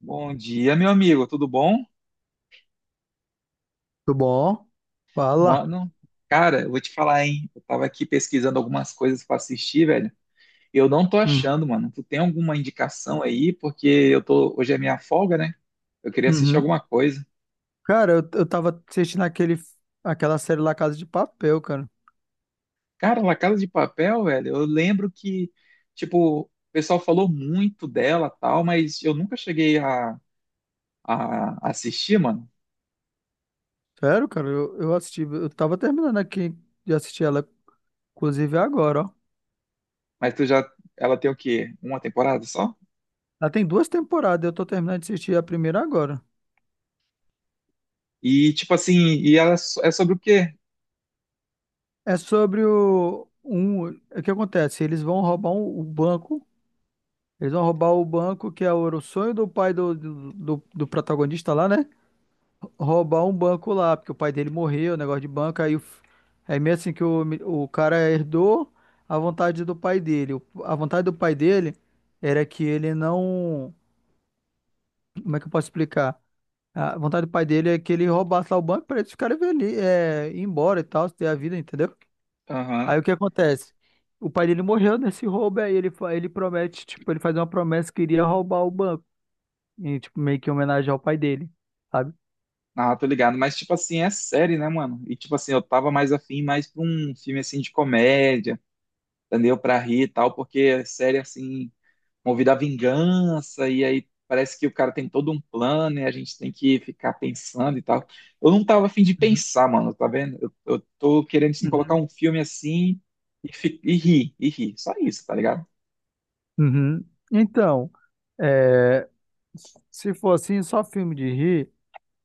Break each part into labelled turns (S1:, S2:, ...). S1: Bom dia, meu amigo, tudo bom?
S2: Tudo bom? Fala.
S1: Mano, cara, eu vou te falar, hein? Eu tava aqui pesquisando algumas coisas pra assistir, velho. Eu não tô
S2: Hum,
S1: achando, mano. Tu tem alguma indicação aí? Porque eu tô, hoje é minha folga, né? Eu queria assistir
S2: uhum.
S1: alguma coisa.
S2: Cara, eu tava assistindo aquela série lá Casa de Papel, cara.
S1: Cara, La Casa de Papel, velho, eu lembro que, tipo, o pessoal falou muito dela, tal, mas eu nunca cheguei a assistir, mano.
S2: Sério, cara, eu assisti. Eu tava terminando aqui de assistir ela, inclusive agora, ó.
S1: Mas tu já, ela tem o quê? Uma temporada só?
S2: Ela tem duas temporadas, eu tô terminando de assistir a primeira agora.
S1: E, tipo assim, e ela é é sobre o quê?
S2: É sobre o. O que acontece? Eles vão roubar o banco. Eles vão roubar o banco que é o era o sonho do pai do protagonista lá, né? Roubar um banco lá, porque o pai dele morreu, negócio de banco, aí meio assim que o cara herdou a vontade do pai dele. A vontade do pai dele era que ele não, como é que eu posso explicar? A vontade do pai dele é que ele roubasse lá o banco para eles ficarem ali, é, ir embora e tal, ter a vida, entendeu?
S1: Aham.
S2: Aí o que acontece? O pai dele morreu nesse roubo, aí ele promete, tipo, ele faz uma promessa que iria roubar o banco, e, tipo, meio que em homenagem ao pai dele, sabe?
S1: Ah, tô ligado, mas tipo assim, é série, né, mano? E tipo assim, eu tava mais afim mais pra um filme assim de comédia, entendeu? Pra rir e tal, porque é série assim, movida à vingança, e aí parece que o cara tem todo um plano e a gente tem que ficar pensando e tal. Eu não tava afim de pensar, mano, tá vendo? Eu tô querendo assim, colocar
S2: Uhum.
S1: um filme assim e, e rir, só isso, tá ligado?
S2: Uhum. Então, é, se for assim, só filme de rir,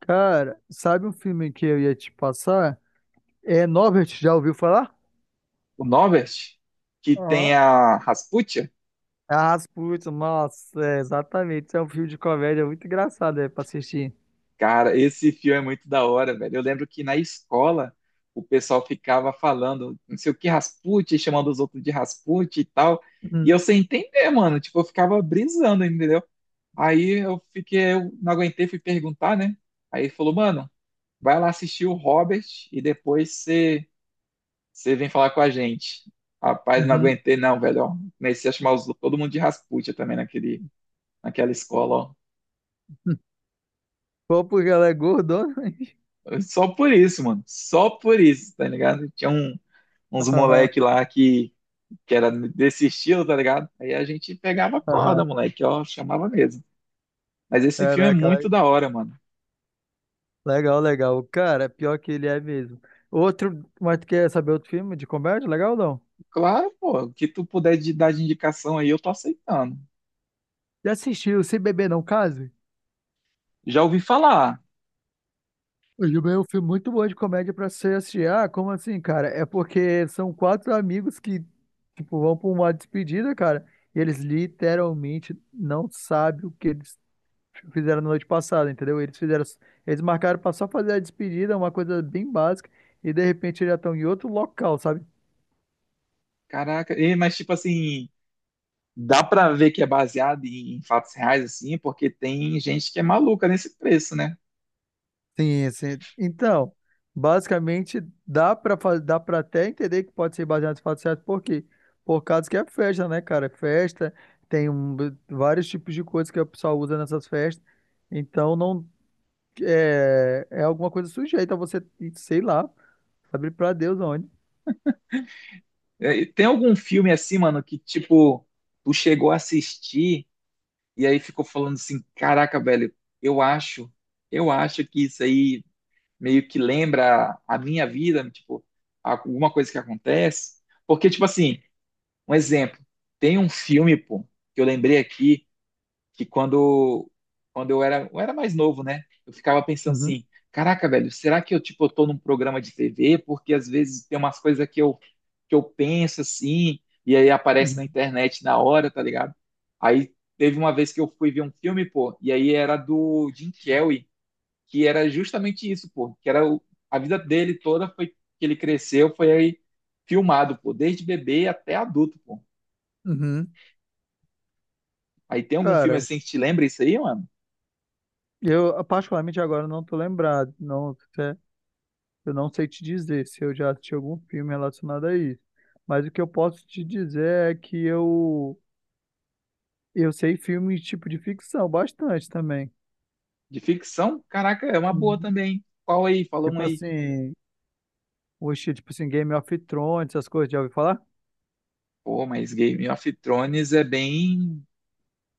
S2: cara, sabe um filme que eu ia te passar? É Norbert, já ouviu falar?
S1: O Norbert, que tem
S2: Aham.
S1: a Rasputia.
S2: Ah, Rasputin, nossa, é, exatamente. É um filme de comédia muito engraçado, é, pra assistir.
S1: Cara, esse filme é muito da hora, velho. Eu lembro que na escola o pessoal ficava falando, não sei o que, Rasputin, chamando os outros de Rasputin e tal. E eu
S2: Uhum.
S1: sem entender, mano. Tipo, eu ficava brisando, entendeu? Aí eu fiquei, eu não aguentei, fui perguntar, né? Aí ele falou, mano, vai lá assistir o Robert e depois você vem falar com a gente. Rapaz, não
S2: Uhum.
S1: aguentei, não, velho. Ó. Comecei a chamar todo mundo de Rasputin também naquele, naquela escola,
S2: Pô, porque ela é gordona. Hein?
S1: ó. Só por isso, mano. Só por isso, tá ligado? Tinha uns
S2: Aham,
S1: moleque lá que era desse estilo, tá ligado? Aí a gente pegava a
S2: aham.
S1: corda, moleque, ó, chamava mesmo. Mas esse filme é
S2: Caraca,
S1: muito da hora, mano.
S2: legal, legal. Cara, pior que ele é mesmo. Outro, mas tu quer saber outro filme de comédia? Legal ou não?
S1: Claro, pô, o que tu puder dar de indicação aí, eu tô aceitando.
S2: Já assistiu Se Beber Não Case?
S1: Já ouvi falar.
S2: O Juba é um filme muito bom de comédia pra você assistir. Ah, como assim, cara? É porque são quatro amigos que, tipo, vão pra uma despedida, cara, e eles literalmente não sabem o que eles fizeram na noite passada, entendeu? Eles marcaram pra só fazer a despedida, uma coisa bem básica, e de repente eles já estão em outro local, sabe?
S1: Caraca, mas tipo assim, dá pra ver que é baseado em fatos reais, assim, porque tem gente que é maluca nesse preço, né?
S2: Sim, sim. Então, basicamente, dá para até entender que pode ser baseado em fatos certos, por quê? Por causa que é festa, né, cara? Festa, tem vários tipos de coisas que o pessoal usa nessas festas. Então, não é alguma coisa sujeita a você, sei lá, sabe para Deus onde.
S1: E tem algum filme assim, mano, que tipo, tu chegou a assistir e aí ficou falando assim: caraca, velho, eu acho, eu acho que isso aí meio que lembra a minha vida, tipo, alguma coisa que acontece. Porque, tipo assim, um exemplo, tem um filme, pô, que eu lembrei aqui, que quando, quando eu era mais novo, né? Eu ficava pensando
S2: Uhum,
S1: assim, caraca, velho, será que eu, tipo, eu tô num programa de TV? Porque às vezes tem umas coisas que eu penso assim, e aí aparece na
S2: uhum,
S1: internet na hora, tá ligado? Aí teve uma vez que eu fui ver um filme, pô, e aí era do Jim Carrey, que era justamente isso, pô, que era a vida dele toda foi que ele cresceu, foi aí filmado, pô, desde bebê até adulto, pô.
S2: uhum.
S1: Aí tem algum filme
S2: Cara,
S1: assim que te lembra isso aí, mano?
S2: eu particularmente agora não tô lembrado, não. Eu não sei te dizer se eu já assisti algum filme relacionado a isso, mas o que eu posso te dizer é que eu sei filmes tipo de ficção bastante também.
S1: De ficção? Caraca, é uma boa
S2: Hum.
S1: também. Qual aí? Fala um
S2: Tipo
S1: aí.
S2: assim, Game of Thrones, essas coisas, já ouviu falar?
S1: Pô, mas Game of Thrones é bem.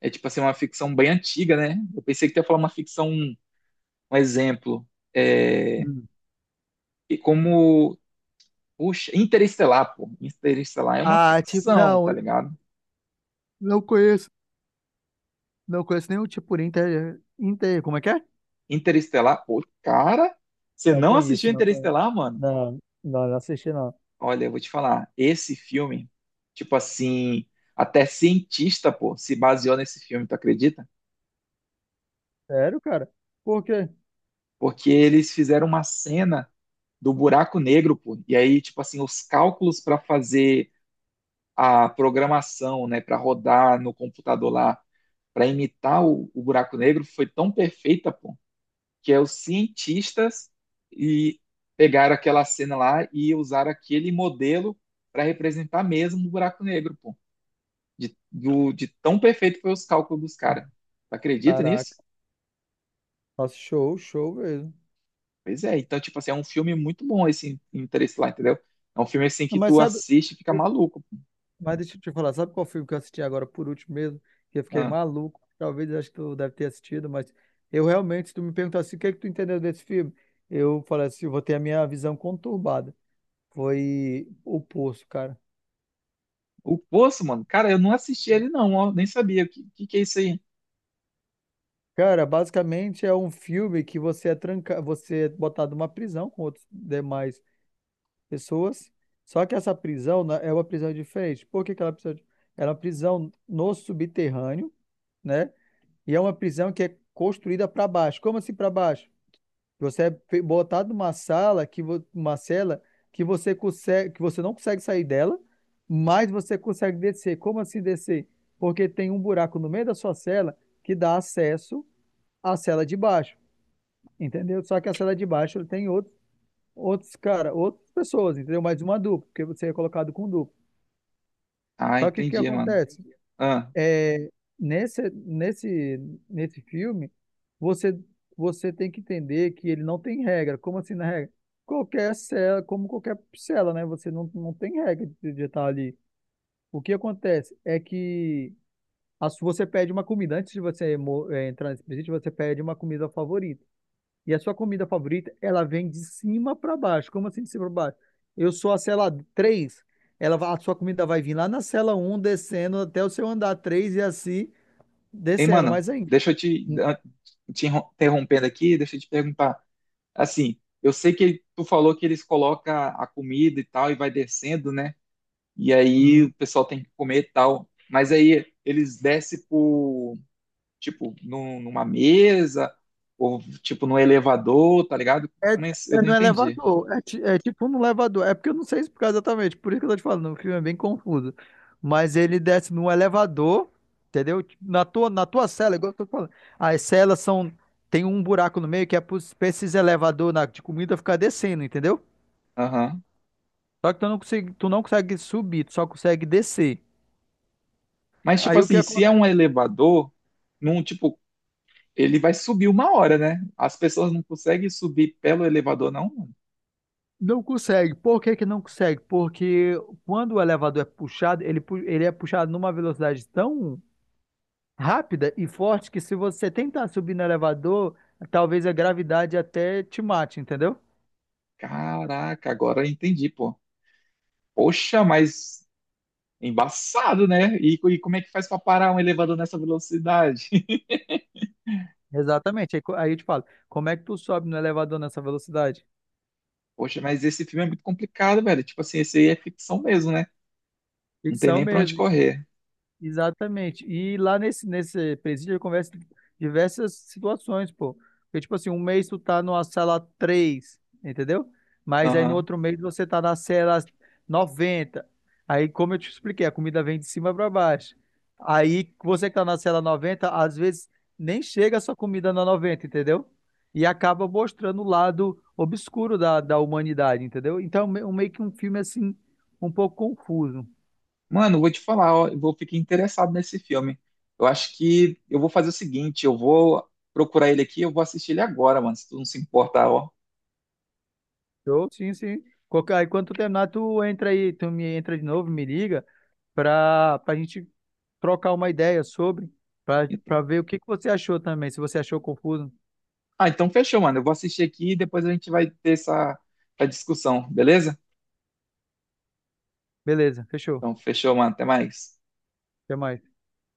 S1: É tipo assim, uma ficção bem antiga, né? Eu pensei que tu ia falar uma ficção, um exemplo. É...
S2: Hum.
S1: E como. Puxa, Interestelar, pô. Interestelar é uma
S2: Ah, tipo,
S1: ficção,
S2: não,
S1: tá
S2: eu
S1: ligado?
S2: não conheço, não conheço nenhum tipo por inter, como é que é?
S1: Interestelar, pô, cara, você
S2: Não
S1: não assistiu
S2: conheço, não conheço.
S1: Interestelar, mano?
S2: Não, não, não assisti não.
S1: Olha, eu vou te falar, esse filme, tipo assim, até cientista, pô, se baseou nesse filme, tu acredita?
S2: Sério, cara? Por quê?
S1: Porque eles fizeram uma cena do buraco negro, pô. E aí, tipo assim, os cálculos para fazer a programação, né, para rodar no computador lá, para imitar o buraco negro, foi tão perfeita, pô, que é os cientistas e pegaram aquela cena lá e usaram aquele modelo para representar mesmo o buraco negro, pô. De, de tão perfeito foi os cálculos dos caras.
S2: Hum.
S1: Acredita
S2: Caraca,
S1: nisso?
S2: nossa, show, show mesmo.
S1: Pois é. Então, tipo assim, é um filme muito bom esse Interestelar, entendeu? É um filme assim que
S2: Mas
S1: tu
S2: sabe?
S1: assiste e fica maluco, pô.
S2: Mas deixa eu te falar, sabe qual filme que eu assisti agora por último mesmo? Que eu fiquei
S1: Ah.
S2: maluco. Talvez acho que tu deve ter assistido, mas eu realmente, se tu me perguntasse o que é que tu entendeu desse filme, eu falei assim, eu vou ter a minha visão conturbada. Foi O Poço, cara.
S1: O Poço, mano, cara, eu não assisti ele não, ó, nem sabia. O que, que é isso aí?
S2: Cara, basicamente é um filme que você é tranca, você é botado numa prisão com outras demais pessoas. Só que essa prisão né, é uma prisão diferente. Por que que ela é uma prisão? Ela é uma prisão no subterrâneo, né? E é uma prisão que é construída para baixo. Como assim para baixo? Você é botado numa sala uma cela que você não consegue sair dela, mas você consegue descer. Como assim descer? Porque tem um buraco no meio da sua cela que dá acesso à cela de baixo, entendeu? Só que a cela de baixo tem outros cara, outras pessoas, entendeu? Mais uma dupla, porque você é colocado com dupla.
S1: Ah,
S2: Só que o que
S1: entendi, mano.
S2: acontece?
S1: Ah,
S2: é, nesse filme, você, você tem que entender que ele não tem regra. Como assim na regra? Qualquer cela, como qualquer cela, né? Você não tem regra de estar ali. O que acontece é que você pede uma comida. Antes de você entrar nesse presídio, você pede uma comida favorita. E a sua comida favorita, ela vem de cima para baixo. Como assim de cima para baixo? Eu sou a cela 3. A sua comida vai vir lá na cela 1 descendo até o seu andar 3 e assim
S1: ei
S2: descendo
S1: mano,
S2: mais ainda.
S1: deixa eu te, ah, interrompendo aqui, deixa eu te perguntar. Assim, eu sei que tu falou que eles colocam a comida e tal e vai descendo, né? E aí
S2: Uhum.
S1: o pessoal tem que comer e tal. Mas aí eles descem por, tipo, numa mesa ou, tipo, num elevador, tá ligado?
S2: É,
S1: Mas eu
S2: é
S1: não
S2: no
S1: entendi.
S2: elevador. É tipo no elevador. É porque eu não sei explicar exatamente. Por isso que eu tô te falando. O filme é bem confuso. Mas ele desce no elevador, entendeu? Tipo, na tua cela, igual eu tô falando. As celas são. Tem um buraco no meio que é pra esses elevador de comida ficar descendo, entendeu?
S1: Aham.
S2: Só que tu não consegue subir, tu só consegue descer.
S1: Mas, tipo
S2: Aí o que
S1: assim, se é
S2: acontece?
S1: um elevador num tipo ele vai subir uma hora, né? As pessoas não conseguem subir pelo elevador, não?
S2: Não consegue. Por que que não consegue? Porque quando o elevador é puxado, ele é puxado numa velocidade tão rápida e forte que se você tentar subir no elevador, talvez a gravidade até te mate, entendeu?
S1: Caraca, agora eu entendi, pô. Poxa, mas embaçado, né? E, e como é que faz pra parar um elevador nessa velocidade?
S2: Exatamente. Aí eu te falo, como é que tu sobe no elevador nessa velocidade?
S1: Poxa, mas esse filme é muito complicado, velho. Tipo assim, esse aí é ficção mesmo, né? Não tem
S2: Ficção
S1: nem pra onde
S2: mesmo.
S1: correr.
S2: Exatamente. E lá nesse presídio, eu converso diversas situações, pô. Porque, tipo assim, um mês tu tá numa cela 3, entendeu? Mas aí no
S1: Aham.
S2: outro mês você tá na cela 90. Aí, como eu te expliquei, a comida vem de cima pra baixo. Aí, você que tá na cela 90 às vezes nem chega a sua comida na 90, entendeu? E acaba mostrando o lado obscuro da humanidade, entendeu? Então, meio que um filme, assim, um pouco confuso.
S1: Mano, vou te falar, ó, eu vou ficar interessado nesse filme. Eu acho que eu vou fazer o seguinte, eu vou procurar ele aqui, eu vou assistir ele agora, mano, se tu não se importar, ó.
S2: Show, sim, sim. Aí quando tu terminar, tu entra aí, tu me entra de novo, me liga, pra gente trocar uma ideia sobre, pra ver o que que você achou também, se você achou confuso.
S1: Ah, então fechou, mano. Eu vou assistir aqui e depois a gente vai ter essa, essa discussão, beleza?
S2: Beleza, fechou.
S1: Então fechou, mano. Até mais.
S2: Até mais.